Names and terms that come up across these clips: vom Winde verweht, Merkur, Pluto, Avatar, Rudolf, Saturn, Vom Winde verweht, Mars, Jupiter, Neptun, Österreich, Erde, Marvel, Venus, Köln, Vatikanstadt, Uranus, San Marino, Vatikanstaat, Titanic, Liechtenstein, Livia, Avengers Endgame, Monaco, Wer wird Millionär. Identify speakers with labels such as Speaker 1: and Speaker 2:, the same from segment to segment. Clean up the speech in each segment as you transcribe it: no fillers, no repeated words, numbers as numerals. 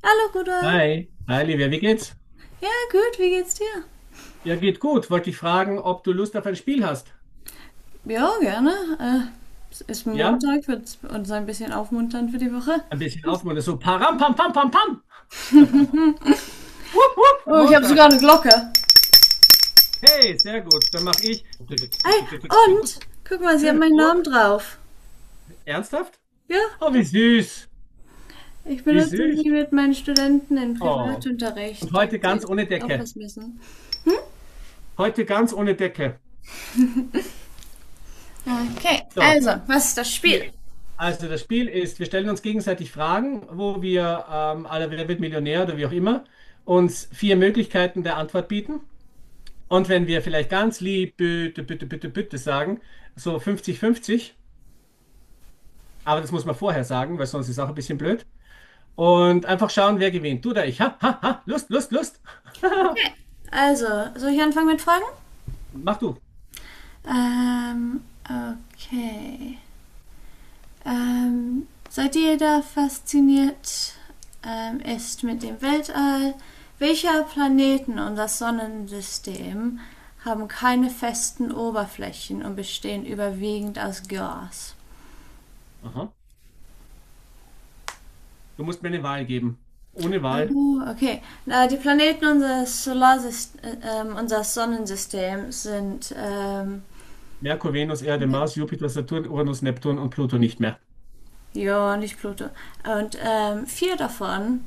Speaker 1: Hallo Rudolf.
Speaker 2: Hi, hi Livia, wie geht's?
Speaker 1: Ja, gut, wie geht's dir?
Speaker 2: Ja, geht gut. Wollte dich fragen, ob du Lust auf ein Spiel hast.
Speaker 1: Ja, gerne. Es ist
Speaker 2: Ja?
Speaker 1: Montag, wird uns ein bisschen aufmunternd für die Woche.
Speaker 2: Ein bisschen aufmuntern. So, param, pam, pam, pam, pam. Wupp, wupp,
Speaker 1: Oh, ich habe
Speaker 2: Montag.
Speaker 1: sogar eine Glocke.
Speaker 2: Hey, sehr gut. Dann mache ich. Und,
Speaker 1: Ei, und? Guck mal, sie hat meinen Namen drauf.
Speaker 2: ernsthaft?
Speaker 1: Ja,
Speaker 2: Oh, wie süß.
Speaker 1: ich
Speaker 2: Wie
Speaker 1: benutze
Speaker 2: süß.
Speaker 1: sie mit meinen Studenten im
Speaker 2: Oh. Und
Speaker 1: Privatunterricht,
Speaker 2: heute
Speaker 1: damit sie
Speaker 2: ganz ohne
Speaker 1: auch
Speaker 2: Decke.
Speaker 1: was wissen.
Speaker 2: Heute ganz ohne Decke.
Speaker 1: Okay,
Speaker 2: So,
Speaker 1: also, was ist das Spiel?
Speaker 2: hier. Also das Spiel ist, wir stellen uns gegenseitig Fragen, wo wir alle Wer wird Millionär oder wie auch immer, uns vier Möglichkeiten der Antwort bieten. Und wenn wir vielleicht ganz lieb bitte, bitte, bitte, bitte sagen, so 50-50, aber das muss man vorher sagen, weil sonst ist auch ein bisschen blöd. Und einfach schauen, wer gewinnt. Du oder ich. Ha, ha, ha, Lust, Lust, Lust.
Speaker 1: Okay. Also, soll ich anfangen mit Fragen?
Speaker 2: Mach du.
Speaker 1: Ähm, okay. Seit jeder fasziniert ist mit dem Weltall, welche Planeten und das Sonnensystem haben keine festen Oberflächen und bestehen überwiegend aus Gas.
Speaker 2: Aha. Du musst mir eine Wahl geben. Ohne Wahl.
Speaker 1: Oh, okay. Die Planeten unseres Solarsystem, unseres Sonnensystems sind
Speaker 2: Merkur, Venus, Erde, Mars, Jupiter, Saturn, Uranus, Neptun und Pluto nicht mehr.
Speaker 1: ja nicht Pluto. Und vier davon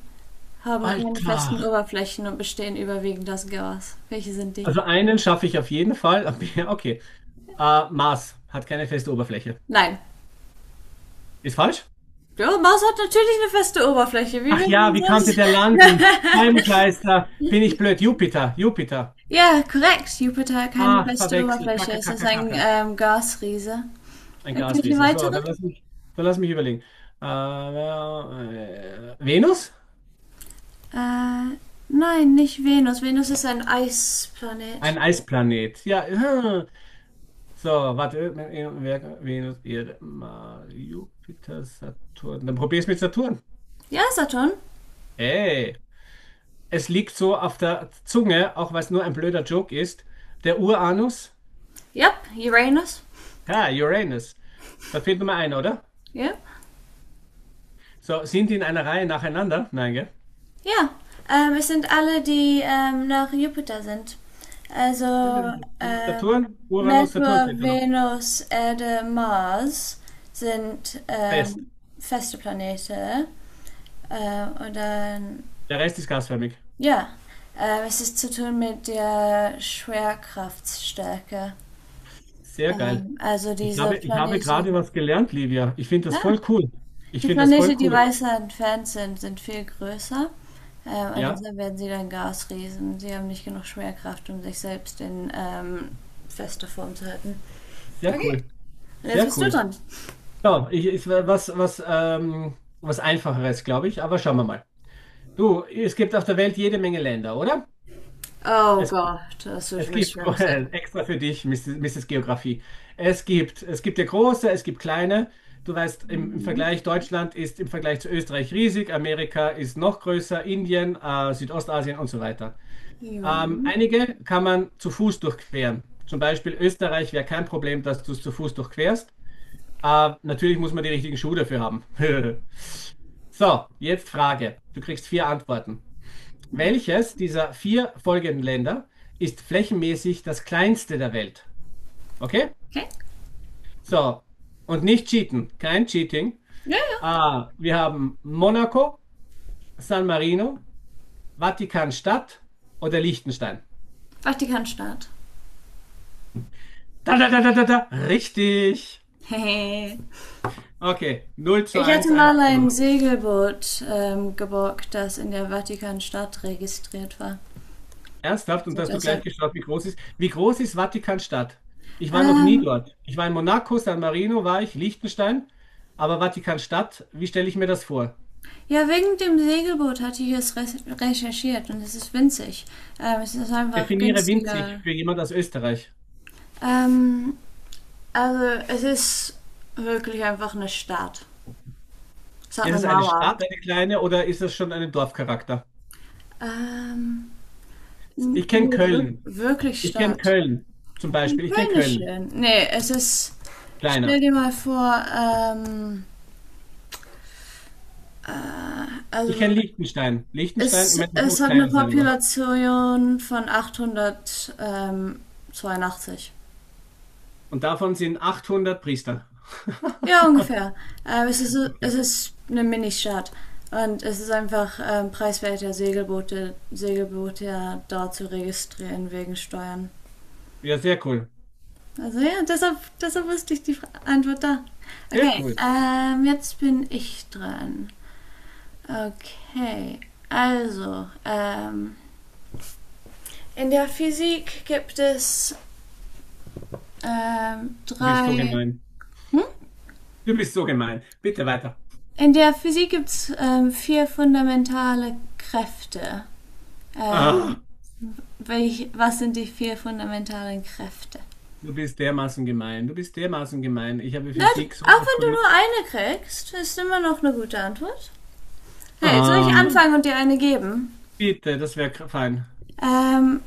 Speaker 1: haben keine
Speaker 2: Alter.
Speaker 1: festen Oberflächen und bestehen überwiegend aus Gas. Welche sind die?
Speaker 2: Also einen schaffe ich auf jeden Fall. Okay. Mars hat keine feste Oberfläche.
Speaker 1: Nein,
Speaker 2: Ist falsch?
Speaker 1: Blaue Maus hat natürlich eine feste Oberfläche. Wie
Speaker 2: Ach
Speaker 1: würden
Speaker 2: ja,
Speaker 1: wir
Speaker 2: wie konnte
Speaker 1: sonst.
Speaker 2: der landen? Scheibenkleister. Bin ich blöd? Jupiter, Jupiter.
Speaker 1: Ja, korrekt. Jupiter hat keine
Speaker 2: Ach,
Speaker 1: feste
Speaker 2: verwechselt.
Speaker 1: Oberfläche.
Speaker 2: Kacke,
Speaker 1: Es ist
Speaker 2: kacke,
Speaker 1: ein
Speaker 2: kacke.
Speaker 1: Gasriese.
Speaker 2: Ein
Speaker 1: Irgendwelche
Speaker 2: Gasriese. So,
Speaker 1: weiteren?
Speaker 2: dann lass mich überlegen. Äh, Venus?
Speaker 1: Äh, nein, nicht Venus. Venus ist ein Eisplanet.
Speaker 2: Ein Eisplanet. Ja. So, warte. Venus, Erde, Mars, Jupiter, Saturn. Dann probier's mit Saturn.
Speaker 1: Ja, Saturn.
Speaker 2: Hey, es liegt so auf der Zunge, auch weil es nur ein blöder Joke ist. Der Uranus?
Speaker 1: Ja, yep, Uranus.
Speaker 2: Ja, Uranus. Da fehlt nur mal einer, oder?
Speaker 1: Ja.
Speaker 2: So, sind die in einer Reihe nacheinander? Nein, gell?
Speaker 1: Ja, es sind alle, die nach Jupiter sind. Also ähm,
Speaker 2: Saturn, Uranus, Saturn
Speaker 1: Merkur,
Speaker 2: fehlt da noch.
Speaker 1: Venus, Erde, Mars sind
Speaker 2: Fest.
Speaker 1: feste Planete. Und dann,
Speaker 2: Der Rest ist gasförmig.
Speaker 1: ja, es ist zu tun mit der Schwerkraftstärke.
Speaker 2: Sehr geil.
Speaker 1: Also
Speaker 2: Ich
Speaker 1: diese
Speaker 2: habe, ich habe gerade
Speaker 1: Planeten,
Speaker 2: was gelernt, Livia. Ich finde das
Speaker 1: ah,
Speaker 2: voll cool. Ich
Speaker 1: die
Speaker 2: finde das voll
Speaker 1: Planeten, die
Speaker 2: cool.
Speaker 1: weiter entfernt sind, sind viel größer. Und
Speaker 2: Ja,
Speaker 1: deshalb werden sie dann Gasriesen. Sie haben nicht genug Schwerkraft, um sich selbst in fester Form zu halten.
Speaker 2: sehr
Speaker 1: Okay.
Speaker 2: cool.
Speaker 1: Und jetzt
Speaker 2: Sehr
Speaker 1: bist du
Speaker 2: cool.
Speaker 1: dran.
Speaker 2: So, ist was Einfacheres, glaube ich, aber schauen wir mal. Du, es gibt auf der Welt jede Menge Länder, oder?
Speaker 1: Oh
Speaker 2: Es
Speaker 1: Gott, das wird
Speaker 2: Es
Speaker 1: für mich
Speaker 2: gibt,
Speaker 1: schwierig sein.
Speaker 2: extra für dich, Mrs. Geografie. Es gibt ja große, es gibt kleine. Du weißt, im
Speaker 1: Mhm.
Speaker 2: Vergleich, Deutschland ist im Vergleich zu Österreich riesig, Amerika ist noch größer, Indien, Südostasien und so weiter.
Speaker 1: Jo.
Speaker 2: Einige kann man zu Fuß durchqueren. Zum Beispiel Österreich wäre kein Problem, dass du es zu Fuß durchquerst. Natürlich muss man die richtigen Schuhe dafür haben. So, jetzt Frage. Du kriegst vier Antworten. Welches dieser vier folgenden Länder ist flächenmäßig das kleinste der Welt? Okay?
Speaker 1: Okay.
Speaker 2: So, und nicht cheaten, kein Cheating.
Speaker 1: Ja, ja.
Speaker 2: Ah, wir haben Monaco, San Marino, Vatikanstadt oder Liechtenstein.
Speaker 1: Vatikanstaat.
Speaker 2: Da, da, da, da, da, da. Richtig.
Speaker 1: Hehe.
Speaker 2: Okay, null zu
Speaker 1: Ich hatte
Speaker 2: eins, eins
Speaker 1: mal
Speaker 2: zu null.
Speaker 1: ein Segelboot geborgt, das in der Vatikanstadt registriert war.
Speaker 2: Ernsthaft, und
Speaker 1: Also
Speaker 2: hast du gleich
Speaker 1: deshalb.
Speaker 2: geschaut, wie groß ist. Wie groß ist Vatikanstadt? Ich war noch nie
Speaker 1: Ähm,
Speaker 2: dort. Ich war in Monaco, San Marino war ich, Liechtenstein, aber Vatikanstadt, wie stelle ich mir das vor?
Speaker 1: ja, wegen dem Segelboot hatte ich es re recherchiert und es ist winzig. Es ist einfach
Speaker 2: Definiere winzig
Speaker 1: günstiger.
Speaker 2: für jemand aus Österreich.
Speaker 1: Ähm, also es ist wirklich einfach eine Stadt. Es hat
Speaker 2: Ist
Speaker 1: eine
Speaker 2: es eine
Speaker 1: Mauer.
Speaker 2: Stadt, eine kleine, oder ist es schon einen Dorfcharakter?
Speaker 1: Ähm,
Speaker 2: Ich kenne
Speaker 1: Nee, wir
Speaker 2: Köln.
Speaker 1: wirklich
Speaker 2: Ich kenne
Speaker 1: Stadt.
Speaker 2: Köln zum Beispiel. Ich kenne
Speaker 1: Köln ist
Speaker 2: Köln.
Speaker 1: schön. Nee, es ist, stell
Speaker 2: Kleiner.
Speaker 1: dir mal vor,
Speaker 2: Ich kenne
Speaker 1: also
Speaker 2: Liechtenstein. Liechtenstein, ich
Speaker 1: Es,
Speaker 2: meine, das muss
Speaker 1: es hat eine
Speaker 2: kleiner sein, aber.
Speaker 1: Population von 882.
Speaker 2: Und davon sind 800 Priester.
Speaker 1: Ja, ungefähr. Es ist, es
Speaker 2: Okay.
Speaker 1: ist eine Ministadt. Und es ist einfach preiswerter, Segelboote, ja da zu registrieren wegen Steuern.
Speaker 2: Ja, sehr cool.
Speaker 1: Also ja, deshalb, deshalb wusste ich die Antwort da.
Speaker 2: Sehr
Speaker 1: Okay,
Speaker 2: cool.
Speaker 1: jetzt bin ich dran. Okay, also, in der Physik gibt es
Speaker 2: Du bist so
Speaker 1: drei
Speaker 2: gemein.
Speaker 1: Hm?
Speaker 2: Du bist so gemein. Bitte weiter.
Speaker 1: In der Physik gibt es vier fundamentale Kräfte.
Speaker 2: Ah,
Speaker 1: Ähm, was sind die vier fundamentalen Kräfte?
Speaker 2: du bist dermaßen gemein. Du bist dermaßen gemein. Ich habe
Speaker 1: Na,
Speaker 2: Physik
Speaker 1: auch
Speaker 2: sowas von
Speaker 1: wenn
Speaker 2: nicht.
Speaker 1: du nur eine kriegst, ist immer noch eine gute Antwort. Hey, soll ich
Speaker 2: Ah,
Speaker 1: anfangen und dir eine geben?
Speaker 2: bitte, das wäre fein.
Speaker 1: Ähm,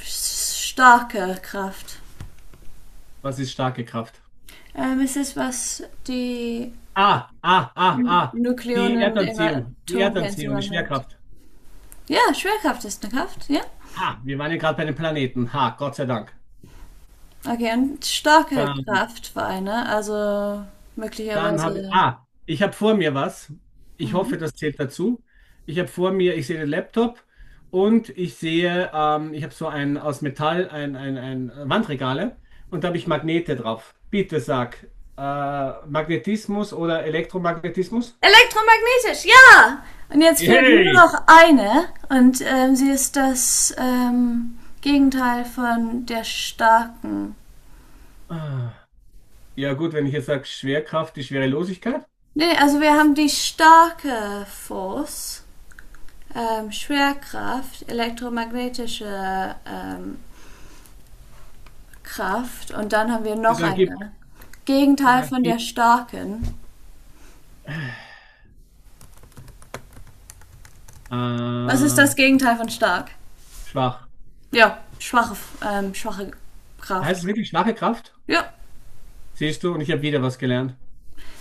Speaker 1: starke Kraft.
Speaker 2: Was ist starke Kraft?
Speaker 1: Es ist, was die
Speaker 2: Ah, ah, ah, ah. Die
Speaker 1: Nukleonen im
Speaker 2: Erdanziehung, die
Speaker 1: Atomkern
Speaker 2: Erdanziehung, die
Speaker 1: zusammenhält.
Speaker 2: Schwerkraft.
Speaker 1: Ja, Schwerkraft ist eine Kraft, ja.
Speaker 2: Ha, wir waren ja gerade bei den Planeten. Ha, Gott sei Dank.
Speaker 1: Okay, und starke
Speaker 2: Dann,
Speaker 1: Kraftvereine, also möglicherweise.
Speaker 2: ich habe vor mir was. Ich hoffe,
Speaker 1: Mhm.
Speaker 2: das zählt dazu. Ich habe vor mir, ich sehe den Laptop und ich sehe, ich habe so ein aus Metall, ein Wandregale und da habe ich Magnete drauf. Bitte sag, äh, Magnetismus oder Elektromagnetismus?
Speaker 1: Elektromagnetisch, ja! Und jetzt fehlt nur
Speaker 2: Hey!
Speaker 1: noch eine und sie ist das Gegenteil von der starken.
Speaker 2: Ah, ja gut, wenn ich jetzt sage Schwerkraft, die Schwerelosigkeit.
Speaker 1: Nee, also wir haben die starke Force, Schwerkraft, elektromagnetische Kraft und dann haben wir
Speaker 2: Ja,
Speaker 1: noch eine. Gegenteil
Speaker 2: Dann
Speaker 1: von der
Speaker 2: gib.
Speaker 1: starken. Was ist
Speaker 2: Äh,
Speaker 1: das Gegenteil von stark?
Speaker 2: schwach.
Speaker 1: Ja, schwache, schwache
Speaker 2: Heißt
Speaker 1: Kraft.
Speaker 2: es wirklich schwache Kraft?
Speaker 1: Ja.
Speaker 2: Siehst du, und ich habe wieder was gelernt.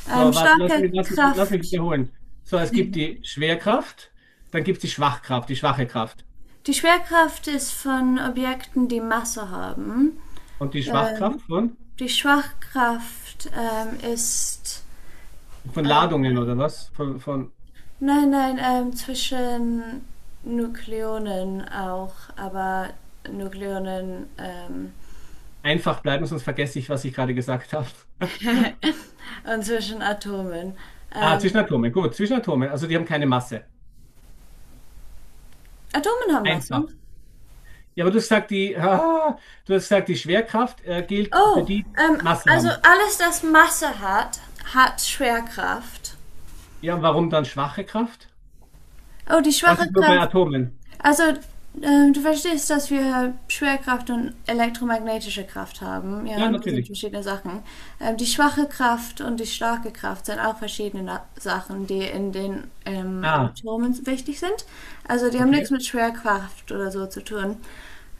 Speaker 2: So, warte,
Speaker 1: Starke
Speaker 2: lass mich
Speaker 1: Kraft.
Speaker 2: wiederholen. So, es gibt die Schwerkraft, dann gibt es die Schwachkraft, die schwache Kraft.
Speaker 1: Die Schwerkraft ist von Objekten, die Masse haben.
Speaker 2: Und die
Speaker 1: Ähm,
Speaker 2: Schwachkraft von,
Speaker 1: die Schwachkraft ist
Speaker 2: von Ladungen oder
Speaker 1: eine.
Speaker 2: was? Von
Speaker 1: Nein, nein, zwischen Nukleonen auch, aber Nukleonen
Speaker 2: einfach bleiben, sonst vergesse ich, was ich gerade gesagt habe.
Speaker 1: und zwischen Atomen.
Speaker 2: Ah,
Speaker 1: Ähm,
Speaker 2: Zwischenatome, gut, Zwischenatome, also die haben keine Masse.
Speaker 1: Atomen haben Masse.
Speaker 2: Einfach. Ja, aber du hast gesagt, die, du hast gesagt, die Schwerkraft, gilt für
Speaker 1: Oh,
Speaker 2: die, die Masse
Speaker 1: also
Speaker 2: haben.
Speaker 1: alles, das Masse hat, hat Schwerkraft.
Speaker 2: Ja, und warum dann schwache Kraft?
Speaker 1: Oh, die
Speaker 2: Das
Speaker 1: schwache
Speaker 2: ist nur bei
Speaker 1: Kraft.
Speaker 2: Atomen.
Speaker 1: Also, du verstehst, dass wir Schwerkraft und elektromagnetische Kraft haben, ja,
Speaker 2: Ja,
Speaker 1: und das sind
Speaker 2: natürlich.
Speaker 1: verschiedene Sachen. Die schwache Kraft und die starke Kraft sind auch verschiedene Sachen, die in den
Speaker 2: Ah,
Speaker 1: Atomen wichtig sind. Also, die haben nichts
Speaker 2: okay,
Speaker 1: mit Schwerkraft oder so zu tun.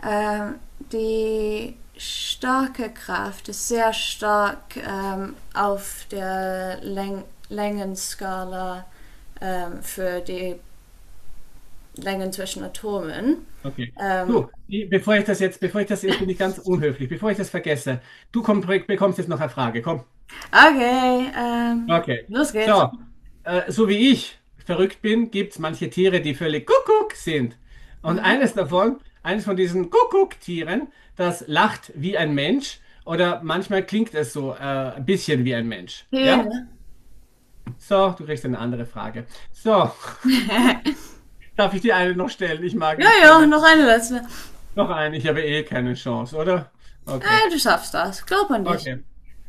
Speaker 1: Ähm, die starke Kraft ist sehr stark auf der Längenskala für die Längen zwischen Atomen.
Speaker 2: okay.
Speaker 1: Ähm,
Speaker 2: Du, bevor ich das jetzt, bin ich ganz unhöflich, bevor ich das vergesse, du bekommst jetzt noch eine Frage. Komm.
Speaker 1: okay,
Speaker 2: Okay.
Speaker 1: los geht's.
Speaker 2: So, so wie ich verrückt bin, gibt es manche Tiere, die völlig Kuckuck sind. Und
Speaker 1: Mhm.
Speaker 2: eines davon, eines von diesen Kuckuck-Tieren, das lacht wie ein Mensch oder manchmal klingt es so ein bisschen wie ein Mensch. Ja?
Speaker 1: Hygiene.
Speaker 2: So, du kriegst eine andere Frage. So, darf ich dir eine noch stellen? Ich mag
Speaker 1: Ja,
Speaker 2: nicht
Speaker 1: ja, noch
Speaker 2: verlieren.
Speaker 1: eine letzte.
Speaker 2: Noch einen, ich habe eh keine Chance, oder? Okay,
Speaker 1: Du schaffst das. Glaub an dich.
Speaker 2: okay.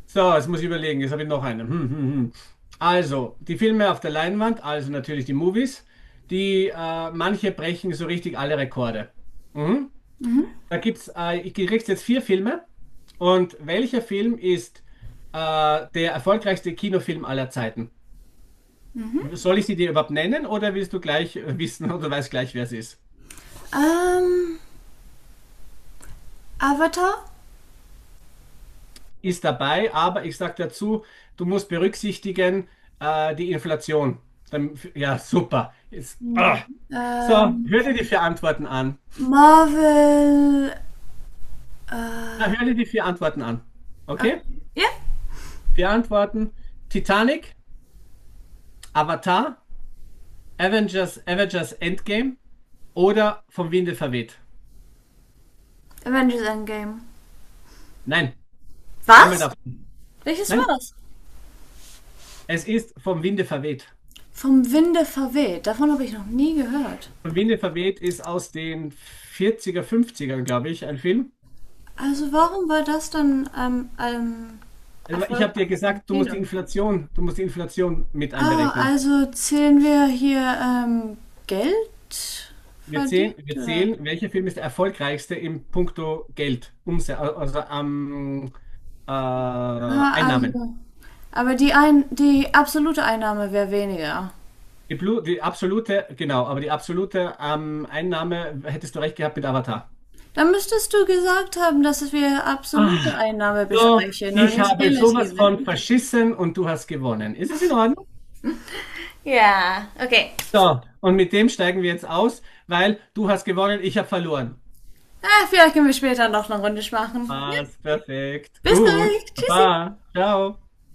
Speaker 2: So, jetzt muss ich überlegen, jetzt habe ich noch einen. Hm, hm, hm. Also, die Filme auf der Leinwand, also natürlich die Movies, die manche brechen so richtig alle Rekorde. Mhm. Da gibt's, ich kriege jetzt vier Filme und welcher Film ist der erfolgreichste Kinofilm aller Zeiten? Soll ich sie dir überhaupt nennen oder willst du gleich wissen oder weißt gleich, wer es ist?
Speaker 1: Ähm, Avatar?
Speaker 2: Ist dabei, aber ich sage dazu, du musst berücksichtigen die Inflation. Dann, ja, super. Jetzt,
Speaker 1: Mhm.
Speaker 2: ah. So,
Speaker 1: Ähm,
Speaker 2: hör dir die vier Antworten an.
Speaker 1: Marvel.
Speaker 2: Na,
Speaker 1: Äh,
Speaker 2: hör dir die vier Antworten an. Okay?
Speaker 1: okay. Ja,
Speaker 2: Vier Antworten: Titanic, Avatar, Avengers Endgame oder vom Winde verweht.
Speaker 1: Avengers Endgame.
Speaker 2: Nein, einmal
Speaker 1: Was?
Speaker 2: darf.
Speaker 1: Welches
Speaker 2: Nein,
Speaker 1: war's?
Speaker 2: es ist vom Winde verweht.
Speaker 1: Vom Winde verweht. Davon habe ich noch nie gehört.
Speaker 2: Vom Winde verweht ist aus den 40er, 50ern, glaube ich, ein Film.
Speaker 1: Also warum war das dann am am
Speaker 2: Ich habe dir
Speaker 1: erfolgreichsten
Speaker 2: gesagt,
Speaker 1: Kino?
Speaker 2: Du musst die Inflation mit
Speaker 1: Ah,
Speaker 2: einberechnen.
Speaker 1: also zählen wir hier Geld
Speaker 2: Wir
Speaker 1: verdient,
Speaker 2: zählen, wir
Speaker 1: oder?
Speaker 2: zählen, welcher Film ist der erfolgreichste im puncto Geld, Umse also am
Speaker 1: Ah,
Speaker 2: Einnahmen.
Speaker 1: also. Aber die, ein die absolute Einnahme wäre weniger.
Speaker 2: Die absolute, genau, aber die absolute Einnahme hättest du recht gehabt mit Avatar.
Speaker 1: Dann müsstest du gesagt haben, dass wir absolute
Speaker 2: Ah,
Speaker 1: Einnahme
Speaker 2: so,
Speaker 1: besprechen und
Speaker 2: ich
Speaker 1: nicht
Speaker 2: habe sowas
Speaker 1: relative.
Speaker 2: von verschissen und du hast gewonnen. Ist es in Ordnung?
Speaker 1: Ja, okay.
Speaker 2: So, und mit dem steigen wir jetzt aus, weil du hast gewonnen, ich habe verloren.
Speaker 1: Ah, vielleicht können wir später noch eine Runde machen. Ja.
Speaker 2: Passt, perfekt.
Speaker 1: Bis
Speaker 2: Gut.
Speaker 1: gleich. Tschüssi.
Speaker 2: Baba. Ciao.